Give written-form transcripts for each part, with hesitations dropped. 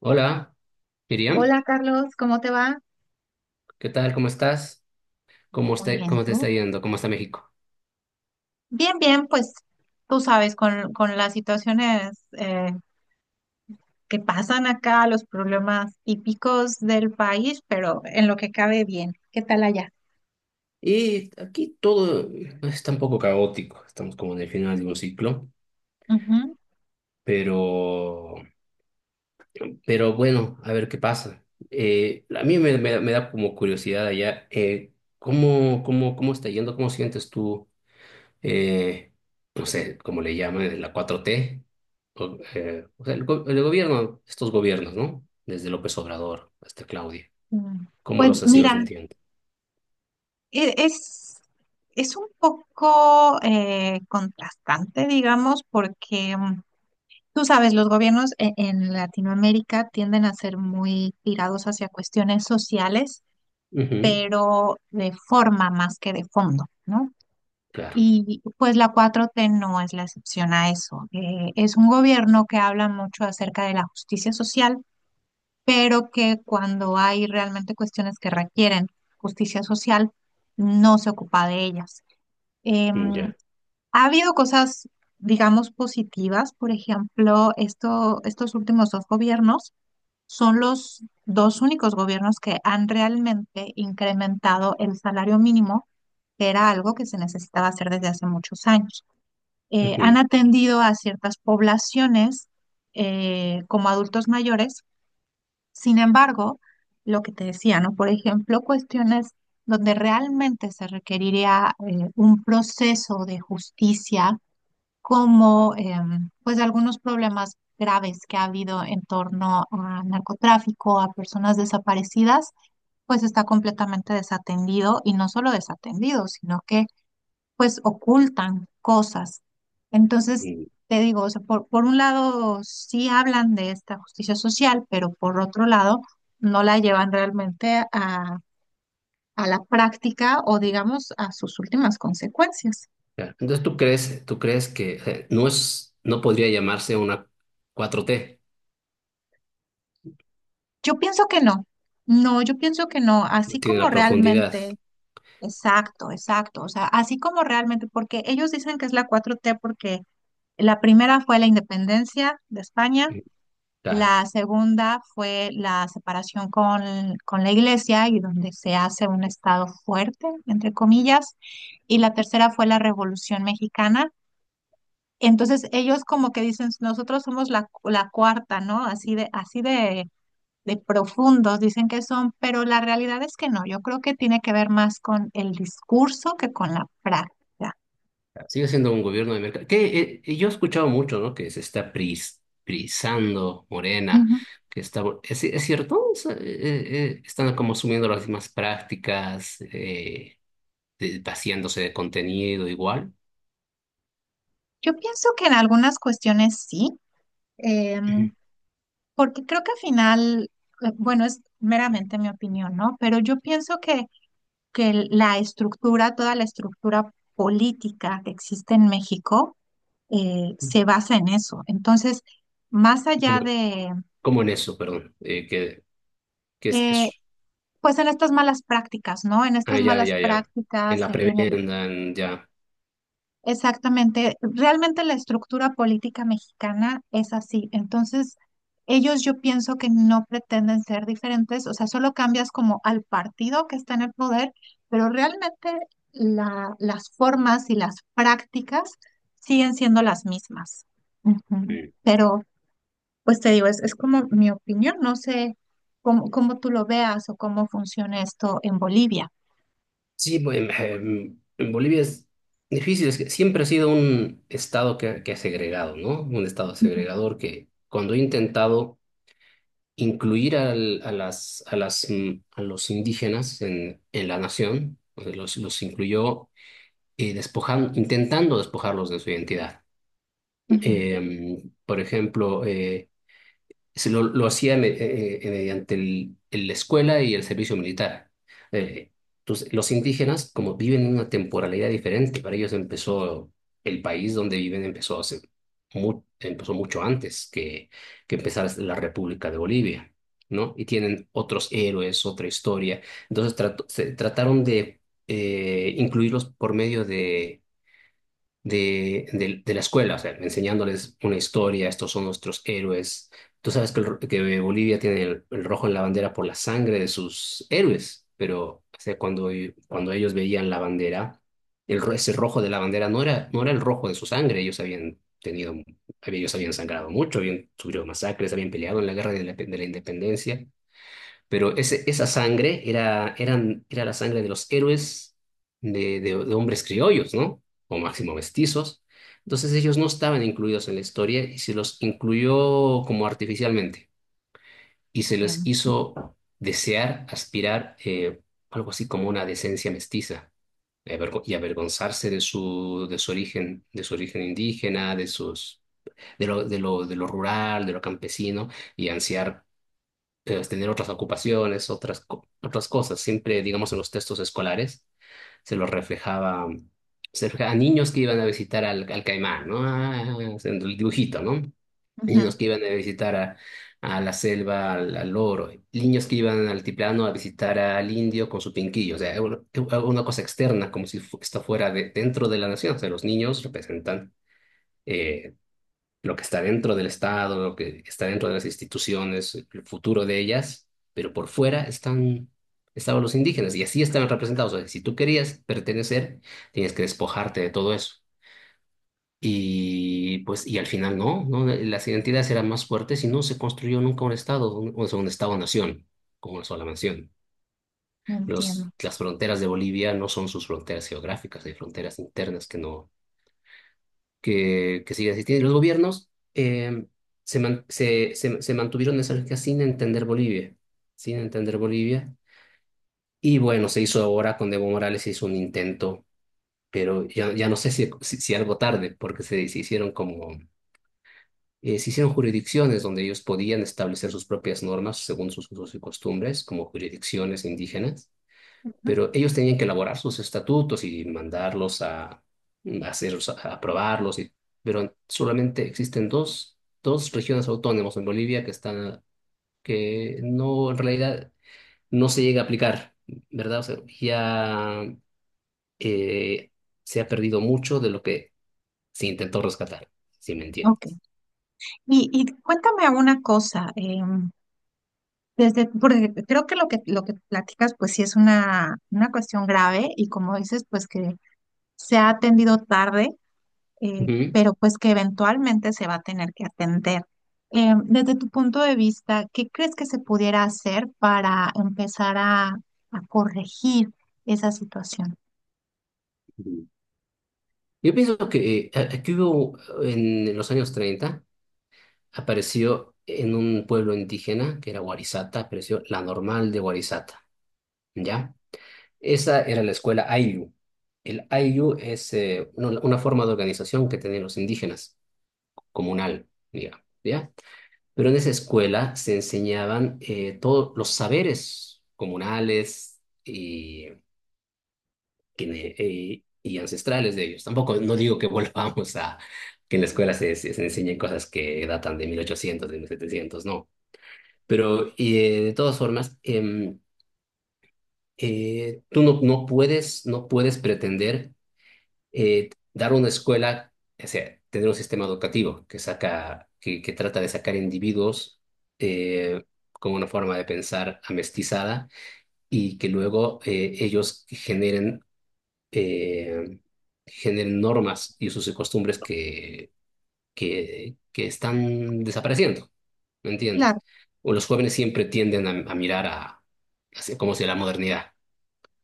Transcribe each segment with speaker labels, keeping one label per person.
Speaker 1: Hola, Miriam,
Speaker 2: Hola Carlos, ¿cómo te va?
Speaker 1: ¿qué tal? ¿Cómo estás? ¿Cómo
Speaker 2: Muy
Speaker 1: está-
Speaker 2: bien, ¿y
Speaker 1: cómo te está
Speaker 2: tú?
Speaker 1: yendo? ¿Cómo está México?
Speaker 2: Bien, bien, pues tú sabes, con las situaciones que pasan acá, los problemas típicos del país, pero en lo que cabe bien. ¿Qué tal allá?
Speaker 1: Y aquí todo está un poco caótico. Estamos como en el final de un ciclo,
Speaker 2: Ujú.
Speaker 1: pero, pero bueno, a ver qué pasa. A mí me da como curiosidad allá, ¿cómo está yendo? ¿Cómo sientes tú, eh, no sé, cómo le llaman, la cuatro t? O sea, el gobierno, estos gobiernos, ¿no? Desde López Obrador hasta Claudia.
Speaker 2: Mm.
Speaker 1: ¿Cómo
Speaker 2: Pues
Speaker 1: los has ido
Speaker 2: mira,
Speaker 1: sintiendo?
Speaker 2: e- es, es un poco contrastante, digamos, porque, tú sabes, los gobiernos en Latinoamérica tienden a ser muy tirados hacia cuestiones sociales,
Speaker 1: Ujú,
Speaker 2: pero de forma más que de fondo, ¿no?
Speaker 1: claro,
Speaker 2: Y pues la cuatro t no es la excepción a eso. Es un gobierno que habla mucho acerca de la justicia social, pero que cuando hay realmente cuestiones que requieren justicia social, no se ocupa de ellas. Em,
Speaker 1: ya.
Speaker 2: Ha habido cosas, digamos, positivas. Por ejemplo, estos últimos dos gobiernos son los dos únicos gobiernos que han realmente incrementado el salario mínimo, que era algo que se necesitaba hacer desde hace muchos años. Han
Speaker 1: Ujú,
Speaker 2: atendido a ciertas poblaciones como adultos mayores. Sin embargo, lo que te decía, ¿no? Por ejemplo, cuestiones donde realmente se requeriría un proceso de justicia, como pues algunos problemas graves que ha habido en torno a narcotráfico, a personas desaparecidas, pues está completamente desatendido, y no solo desatendido, sino que pues ocultan cosas. Entonces,
Speaker 1: mm,
Speaker 2: te digo, o sea, por un lado sí hablan de esta justicia social, pero por otro lado no la llevan realmente a la práctica, o digamos a sus últimas consecuencias.
Speaker 1: ya. Entonces, ¿tú crees que no es, no podría llamarse una cuatro t?
Speaker 2: Yo pienso que no, no, yo pienso que no,
Speaker 1: No
Speaker 2: así
Speaker 1: tiene
Speaker 2: como
Speaker 1: la profundidad.
Speaker 2: realmente, exacto, exacto, o sea, así como realmente, porque ellos dicen que es la cuatro t porque la primera fue la independencia de España.
Speaker 1: Mm. Claro.
Speaker 2: La segunda fue la separación con la iglesia, y donde se hace un Estado fuerte, entre comillas. Y la tercera fue la Revolución Mexicana. Entonces ellos como que dicen, nosotros somos la, la cuarta, ¿no? Así de profundos dicen que son, pero la realidad es que no. Yo creo que tiene que ver más con el discurso que con la práctica.
Speaker 1: Claro. Sigue siendo un gobierno de mercado. Que, yo he escuchado mucho, ¿no? Que se está prisando Morena,
Speaker 2: Ujú.
Speaker 1: que está, ¿es cierto? Están como asumiendo las mismas prácticas, vaciándose de contenido igual.
Speaker 2: Yo pienso que en algunas cuestiones sí.
Speaker 1: Ujú.
Speaker 2: Em, Porque creo que al final, bueno, es meramente mi opinión, ¿no? Pero yo pienso que la estructura, toda la estructura política que existe en México, se basa en eso. Entonces, más allá
Speaker 1: ¿Cómo,
Speaker 2: de,
Speaker 1: cómo en eso, perdón? ¿Qué es
Speaker 2: eh,
Speaker 1: eso?
Speaker 2: pues en estas malas prácticas, ¿no? En
Speaker 1: Ah,
Speaker 2: estas
Speaker 1: ya,
Speaker 2: malas
Speaker 1: ya, ya. En
Speaker 2: prácticas,
Speaker 1: la
Speaker 2: en,
Speaker 1: prebenda, ya.
Speaker 2: exactamente. Realmente la estructura política mexicana es así. Entonces, ellos yo pienso que no pretenden ser diferentes, o sea, solo cambias como al partido que está en el poder, pero realmente las formas y las prácticas siguen siendo las mismas. Ujú.
Speaker 1: Sí.
Speaker 2: Pero, pues te digo, es como mi opinión, no sé cómo tú lo veas o cómo funciona esto en Bolivia.
Speaker 1: Sí, bueno, en Bolivia es difícil. Es que siempre ha sido un estado que ha segregado, ¿no? Un estado
Speaker 2: Ujú,
Speaker 1: segregador que cuando he intentado incluir a los indígenas en la nación, pues, los incluyó despojando, intentando despojarlos de su identidad.
Speaker 2: ujú.
Speaker 1: Por ejemplo, se lo hacía mediante la escuela y el servicio militar. Eh, entonces, los indígenas, como viven en una temporalidad diferente, para ellos empezó el país donde viven, empezó, hace empezó mucho antes que empezara la República de Bolivia, ¿no? Y tienen otros héroes, otra historia. Entonces, trataron de incluirlos por medio de de la escuela. O sea, enseñándoles una historia, estos son nuestros héroes. Tú sabes que, que Bolivia tiene el rojo en la bandera por la sangre de sus héroes, pero o sea, cuando ellos veían la bandera, ese rojo de la bandera no era el rojo de su sangre. Ellos habían sangrado mucho, habían sufrido masacres, habían peleado en la guerra de de la independencia. Esa sangre era la sangre de los héroes de hombres criollos, ¿no? O máximo mestizos. Entonces ellos no estaban incluidos en la historia y se los incluyó como artificialmente. Y se les
Speaker 2: Entiendo.
Speaker 1: hizo desear, aspirar, algo así como una decencia mestiza y y avergonzarse de su origen indígena, de de lo, de lo, de lo rural, de lo campesino, y ansiar tener otras ocupaciones, otras cosas. Siempre, digamos, en los textos escolares se los reflejaba, se reflejaba a niños que iban a visitar al Caimán, ¿no? Ah, haciendo el dibujito, ¿no?
Speaker 2: Ujú.
Speaker 1: Niños que iban a visitar a la selva, al loro, niños que iban al altiplano a visitar al indio con su pinquillo. O sea, era una cosa externa, como si esto fuera dentro de la nación. O sea, los niños representan eh, lo que está dentro del Estado, lo que está dentro de las instituciones, el futuro de ellas, pero por fuera estaban los indígenas y así estaban representados. O sea, si tú querías pertenecer, tenías que despojarte de todo eso. Y pues, y al final no, las identidades eran más fuertes y no se construyó nunca un Estado, o sea, un Estado-nación, como una sola nación.
Speaker 2: Entiendo.
Speaker 1: Las fronteras de Bolivia no son sus fronteras geográficas, hay fronteras internas que no, que sigue existiendo. Y los gobiernos se mantuvieron en esa lógica sin entender Bolivia, sin entender Bolivia. Y bueno, se hizo ahora con Evo Morales, se hizo un intento, pero ya, ya no sé si algo tarde, porque se hicieron como, se hicieron jurisdicciones donde ellos podían establecer sus propias normas según sus usos y costumbres, como jurisdicciones indígenas,
Speaker 2: Ujú.
Speaker 1: pero ellos tenían que elaborar sus estatutos y mandarlos a hacer, a aprobarlos, y, pero solamente existen dos regiones autónomas en Bolivia que están, que no, en realidad, no se llega a aplicar, ¿verdad? O sea, ya eh, se ha perdido mucho de lo que se intentó rescatar, si me entiendes.
Speaker 2: Ok. Y cuéntame una cosa, desde, porque creo que lo que platicas, pues sí es una cuestión grave, y como dices, pues que se ha atendido tarde,
Speaker 1: Ujú.
Speaker 2: pero pues que eventualmente se va a tener que atender. Desde tu punto de vista, ¿qué crees que se pudiera hacer para empezar a corregir esa situación?
Speaker 1: Ujú. Yo pienso que aquí hubo en los años 30, apareció en un pueblo indígena que era Warisata, apareció la normal de Warisata, ¿ya? Esa era la escuela Ayllu. El Ayllu es una forma de organización que tenían los indígenas, comunal, digamos, ¿ya? Pero en esa escuela se enseñaban todos los saberes comunales y, que- y ancestrales de ellos. Tampoco, no digo que volvamos a que en la escuela se enseñen cosas que datan de 1800, de 1700, no. Pero de todas formas, tú no, no puedes, no puedes pretender dar una escuela, o sea, tener un sistema educativo que saca, que trata de sacar individuos eh, con una forma de pensar amestizada y que luego ellos eh, generen normas y sus costumbres que están desapareciendo, ¿me entiendes?
Speaker 2: Claro,
Speaker 1: O los jóvenes siempre tienden a mirar a, hacia- como si la modernidad.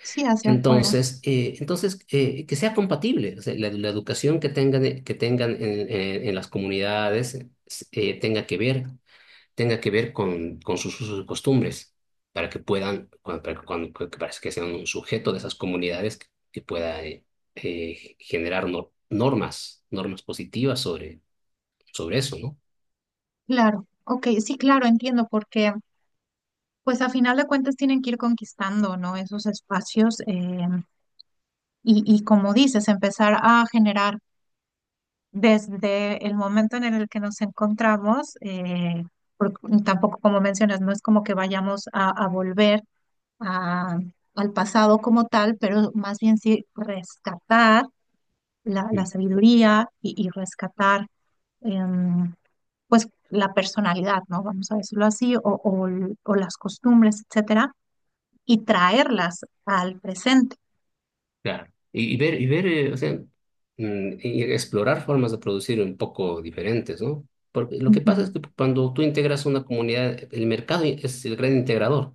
Speaker 2: sí, hacia afuera.
Speaker 1: Entonces, que sea compatible. O sea, la educación que tengan en, en las comunidades eh, tenga que ver, tenga que ver con sus usos y costumbres, para que puedan, cuando, para que, para que sean un sujeto de esas comunidades que pueda generar normas, normas positivas sobre, sobre eso, ¿no?
Speaker 2: Claro, ok, sí, claro, entiendo porque pues a final de cuentas tienen que ir conquistando, ¿no? Esos espacios, y como dices, empezar a generar desde el momento en el que nos encontramos, porque tampoco, como mencionas, no es como que vayamos a volver a- al pasado como tal, pero más bien sí rescatar la, la sabiduría, y rescatar em, pues la personalidad, ¿no? Vamos a decirlo así, o las costumbres, etcétera, y traerlas al presente.
Speaker 1: Claro. Y ver, o sea, mm, y explorar formas de producir un poco diferentes, ¿no? Porque lo que
Speaker 2: Ujú.
Speaker 1: pasa es que cuando tú integras una comunidad, el mercado es el gran integrador.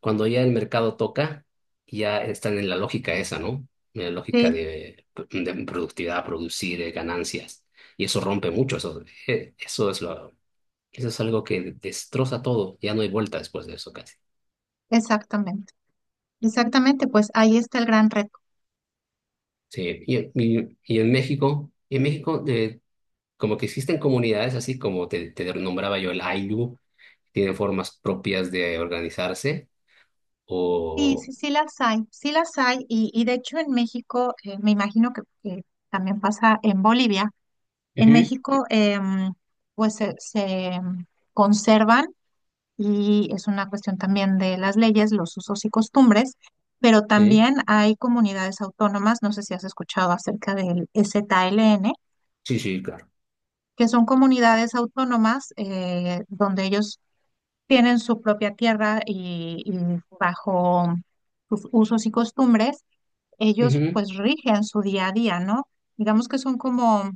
Speaker 1: Cuando ya el mercado toca, ya están en la lógica esa, ¿no? En la lógica
Speaker 2: Sí,
Speaker 1: de productividad, producir ganancias. Y eso rompe mucho, eso es lo, eso es algo que destroza todo. Ya no hay vuelta después de eso casi.
Speaker 2: exactamente. Exactamente, pues ahí está el gran reto.
Speaker 1: Sí, y en México, como que existen comunidades así como te nombraba yo el Ainu, tienen formas propias de organizarse
Speaker 2: Sí,
Speaker 1: o...
Speaker 2: sí, sí las hay, sí las hay. Y de hecho en México, me imagino que también pasa en Bolivia, en
Speaker 1: Ujú.
Speaker 2: México, pues se conservan, y es una cuestión también de las leyes, los usos y costumbres, pero
Speaker 1: Sí,
Speaker 2: también hay comunidades autónomas, no sé si has escuchado acerca del STLN,
Speaker 1: sí, sí, claro.
Speaker 2: que son comunidades autónomas, donde ellos tienen su propia tierra, y bajo sus usos y costumbres, ellos
Speaker 1: Ujú.
Speaker 2: pues rigen su día a día, ¿no? Digamos que son como,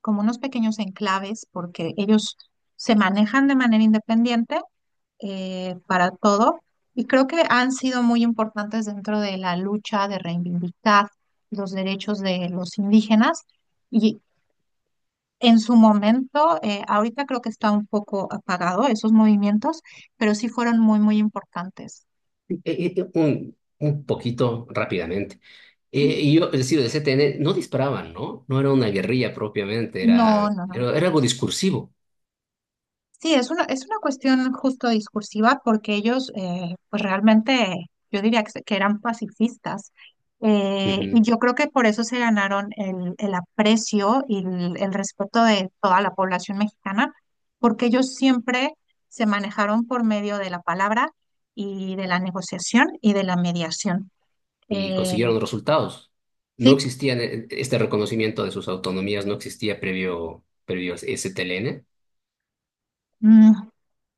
Speaker 2: como unos pequeños enclaves, porque ellos se manejan de manera independiente, para todo, y creo que han sido muy importantes dentro de la lucha de reivindicar los derechos de los indígenas. En su momento, ahorita creo que está un poco apagado esos movimientos, pero sí fueron muy, muy importantes.
Speaker 1: Un poquito rápidamente. Y yo, es decir, el CTN no disparaban, ¿no? No era una guerrilla propiamente,
Speaker 2: No, no, no.
Speaker 1: era algo discursivo.
Speaker 2: Sí, es una cuestión justo discursiva, porque ellos, pues realmente, yo diría que, que eran pacifistas. Y
Speaker 1: Ujú.
Speaker 2: yo creo que por eso se ganaron el aprecio y el respeto de toda la población mexicana, porque ellos siempre se manejaron por medio de la palabra, y de la negociación y de la mediación.
Speaker 1: Y
Speaker 2: Eh,
Speaker 1: consiguieron resultados. No
Speaker 2: sí,
Speaker 1: existía este reconocimiento de sus autonomías, no existía previo, previo a STLN.
Speaker 2: mm,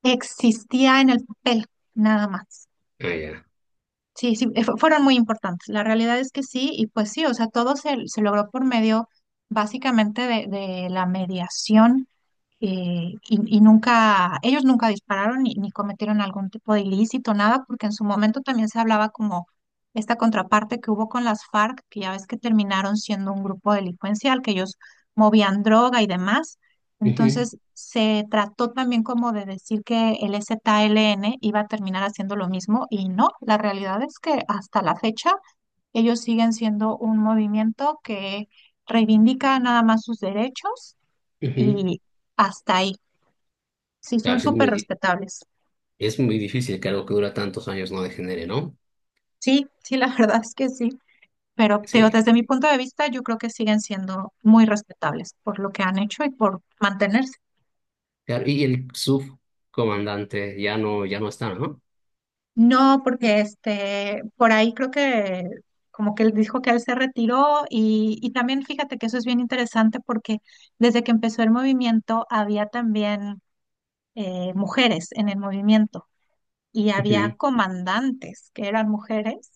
Speaker 2: existía en el papel, nada más.
Speaker 1: Ah, ya.
Speaker 2: Sí, sí, fueron muy importantes. La realidad es que sí, y pues sí, o sea, todo se, se logró por medio básicamente de la mediación, y nunca, ellos nunca dispararon, ni, ni cometieron algún tipo de ilícito, nada, porque en su momento también se hablaba como esta contraparte que hubo con las FARC, que ya ves que terminaron siendo un grupo delincuencial, que ellos movían droga y demás.
Speaker 1: Ujú,
Speaker 2: Entonces se trató también como de decir que el ZLN iba a terminar haciendo lo mismo, y no, la realidad es que hasta la fecha ellos siguen siendo un movimiento que reivindica nada más sus derechos,
Speaker 1: ujú.
Speaker 2: y hasta ahí. Sí, son
Speaker 1: Claro, sí es
Speaker 2: súper
Speaker 1: muy,
Speaker 2: respetables.
Speaker 1: es muy difícil que algo que dura tantos años no degenere, ¿no?
Speaker 2: Sí, sí, la verdad es que sí, pero te digo,
Speaker 1: Sí.
Speaker 2: desde mi punto de vista yo creo que siguen siendo muy respetables por lo que han hecho y por mantenerse.
Speaker 1: Claro, y el subcomandante ya no, ya no está, ¿no?
Speaker 2: No, porque este, por ahí creo que como que él dijo que él se retiró, y también fíjate que eso es bien interesante, porque desde que empezó el movimiento había también mujeres en el movimiento, y había
Speaker 1: Ujú.
Speaker 2: comandantes que eran mujeres,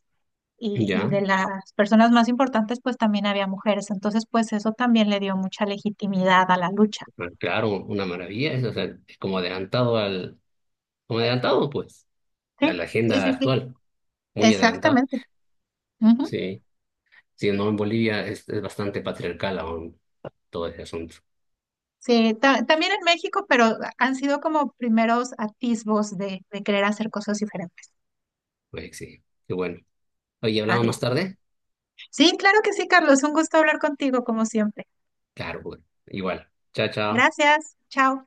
Speaker 2: y
Speaker 1: Ya,
Speaker 2: de las personas más importantes pues también había mujeres. Entonces pues eso también le dio mucha legitimidad a la lucha.
Speaker 1: pero claro, una maravilla, es, o sea, es como adelantado al, como adelantado, pues, a
Speaker 2: Sí,
Speaker 1: la
Speaker 2: sí,
Speaker 1: agenda
Speaker 2: sí, sí.
Speaker 1: actual, muy adelantado.
Speaker 2: Exactamente.
Speaker 1: Sí, sí, no, en Bolivia es bastante patriarcal aún todo ese asunto.
Speaker 2: Sí, también en México, pero han sido como primeros atisbos de querer hacer cosas diferentes.
Speaker 1: Oye, sí, qué bueno. Oye, ¿hablamos más
Speaker 2: Padrísimo.
Speaker 1: tarde?
Speaker 2: Sí, claro que sí, Carlos. Un gusto hablar contigo, como siempre.
Speaker 1: Claro, bueno, igual. Chao, chao.
Speaker 2: Gracias. Chao.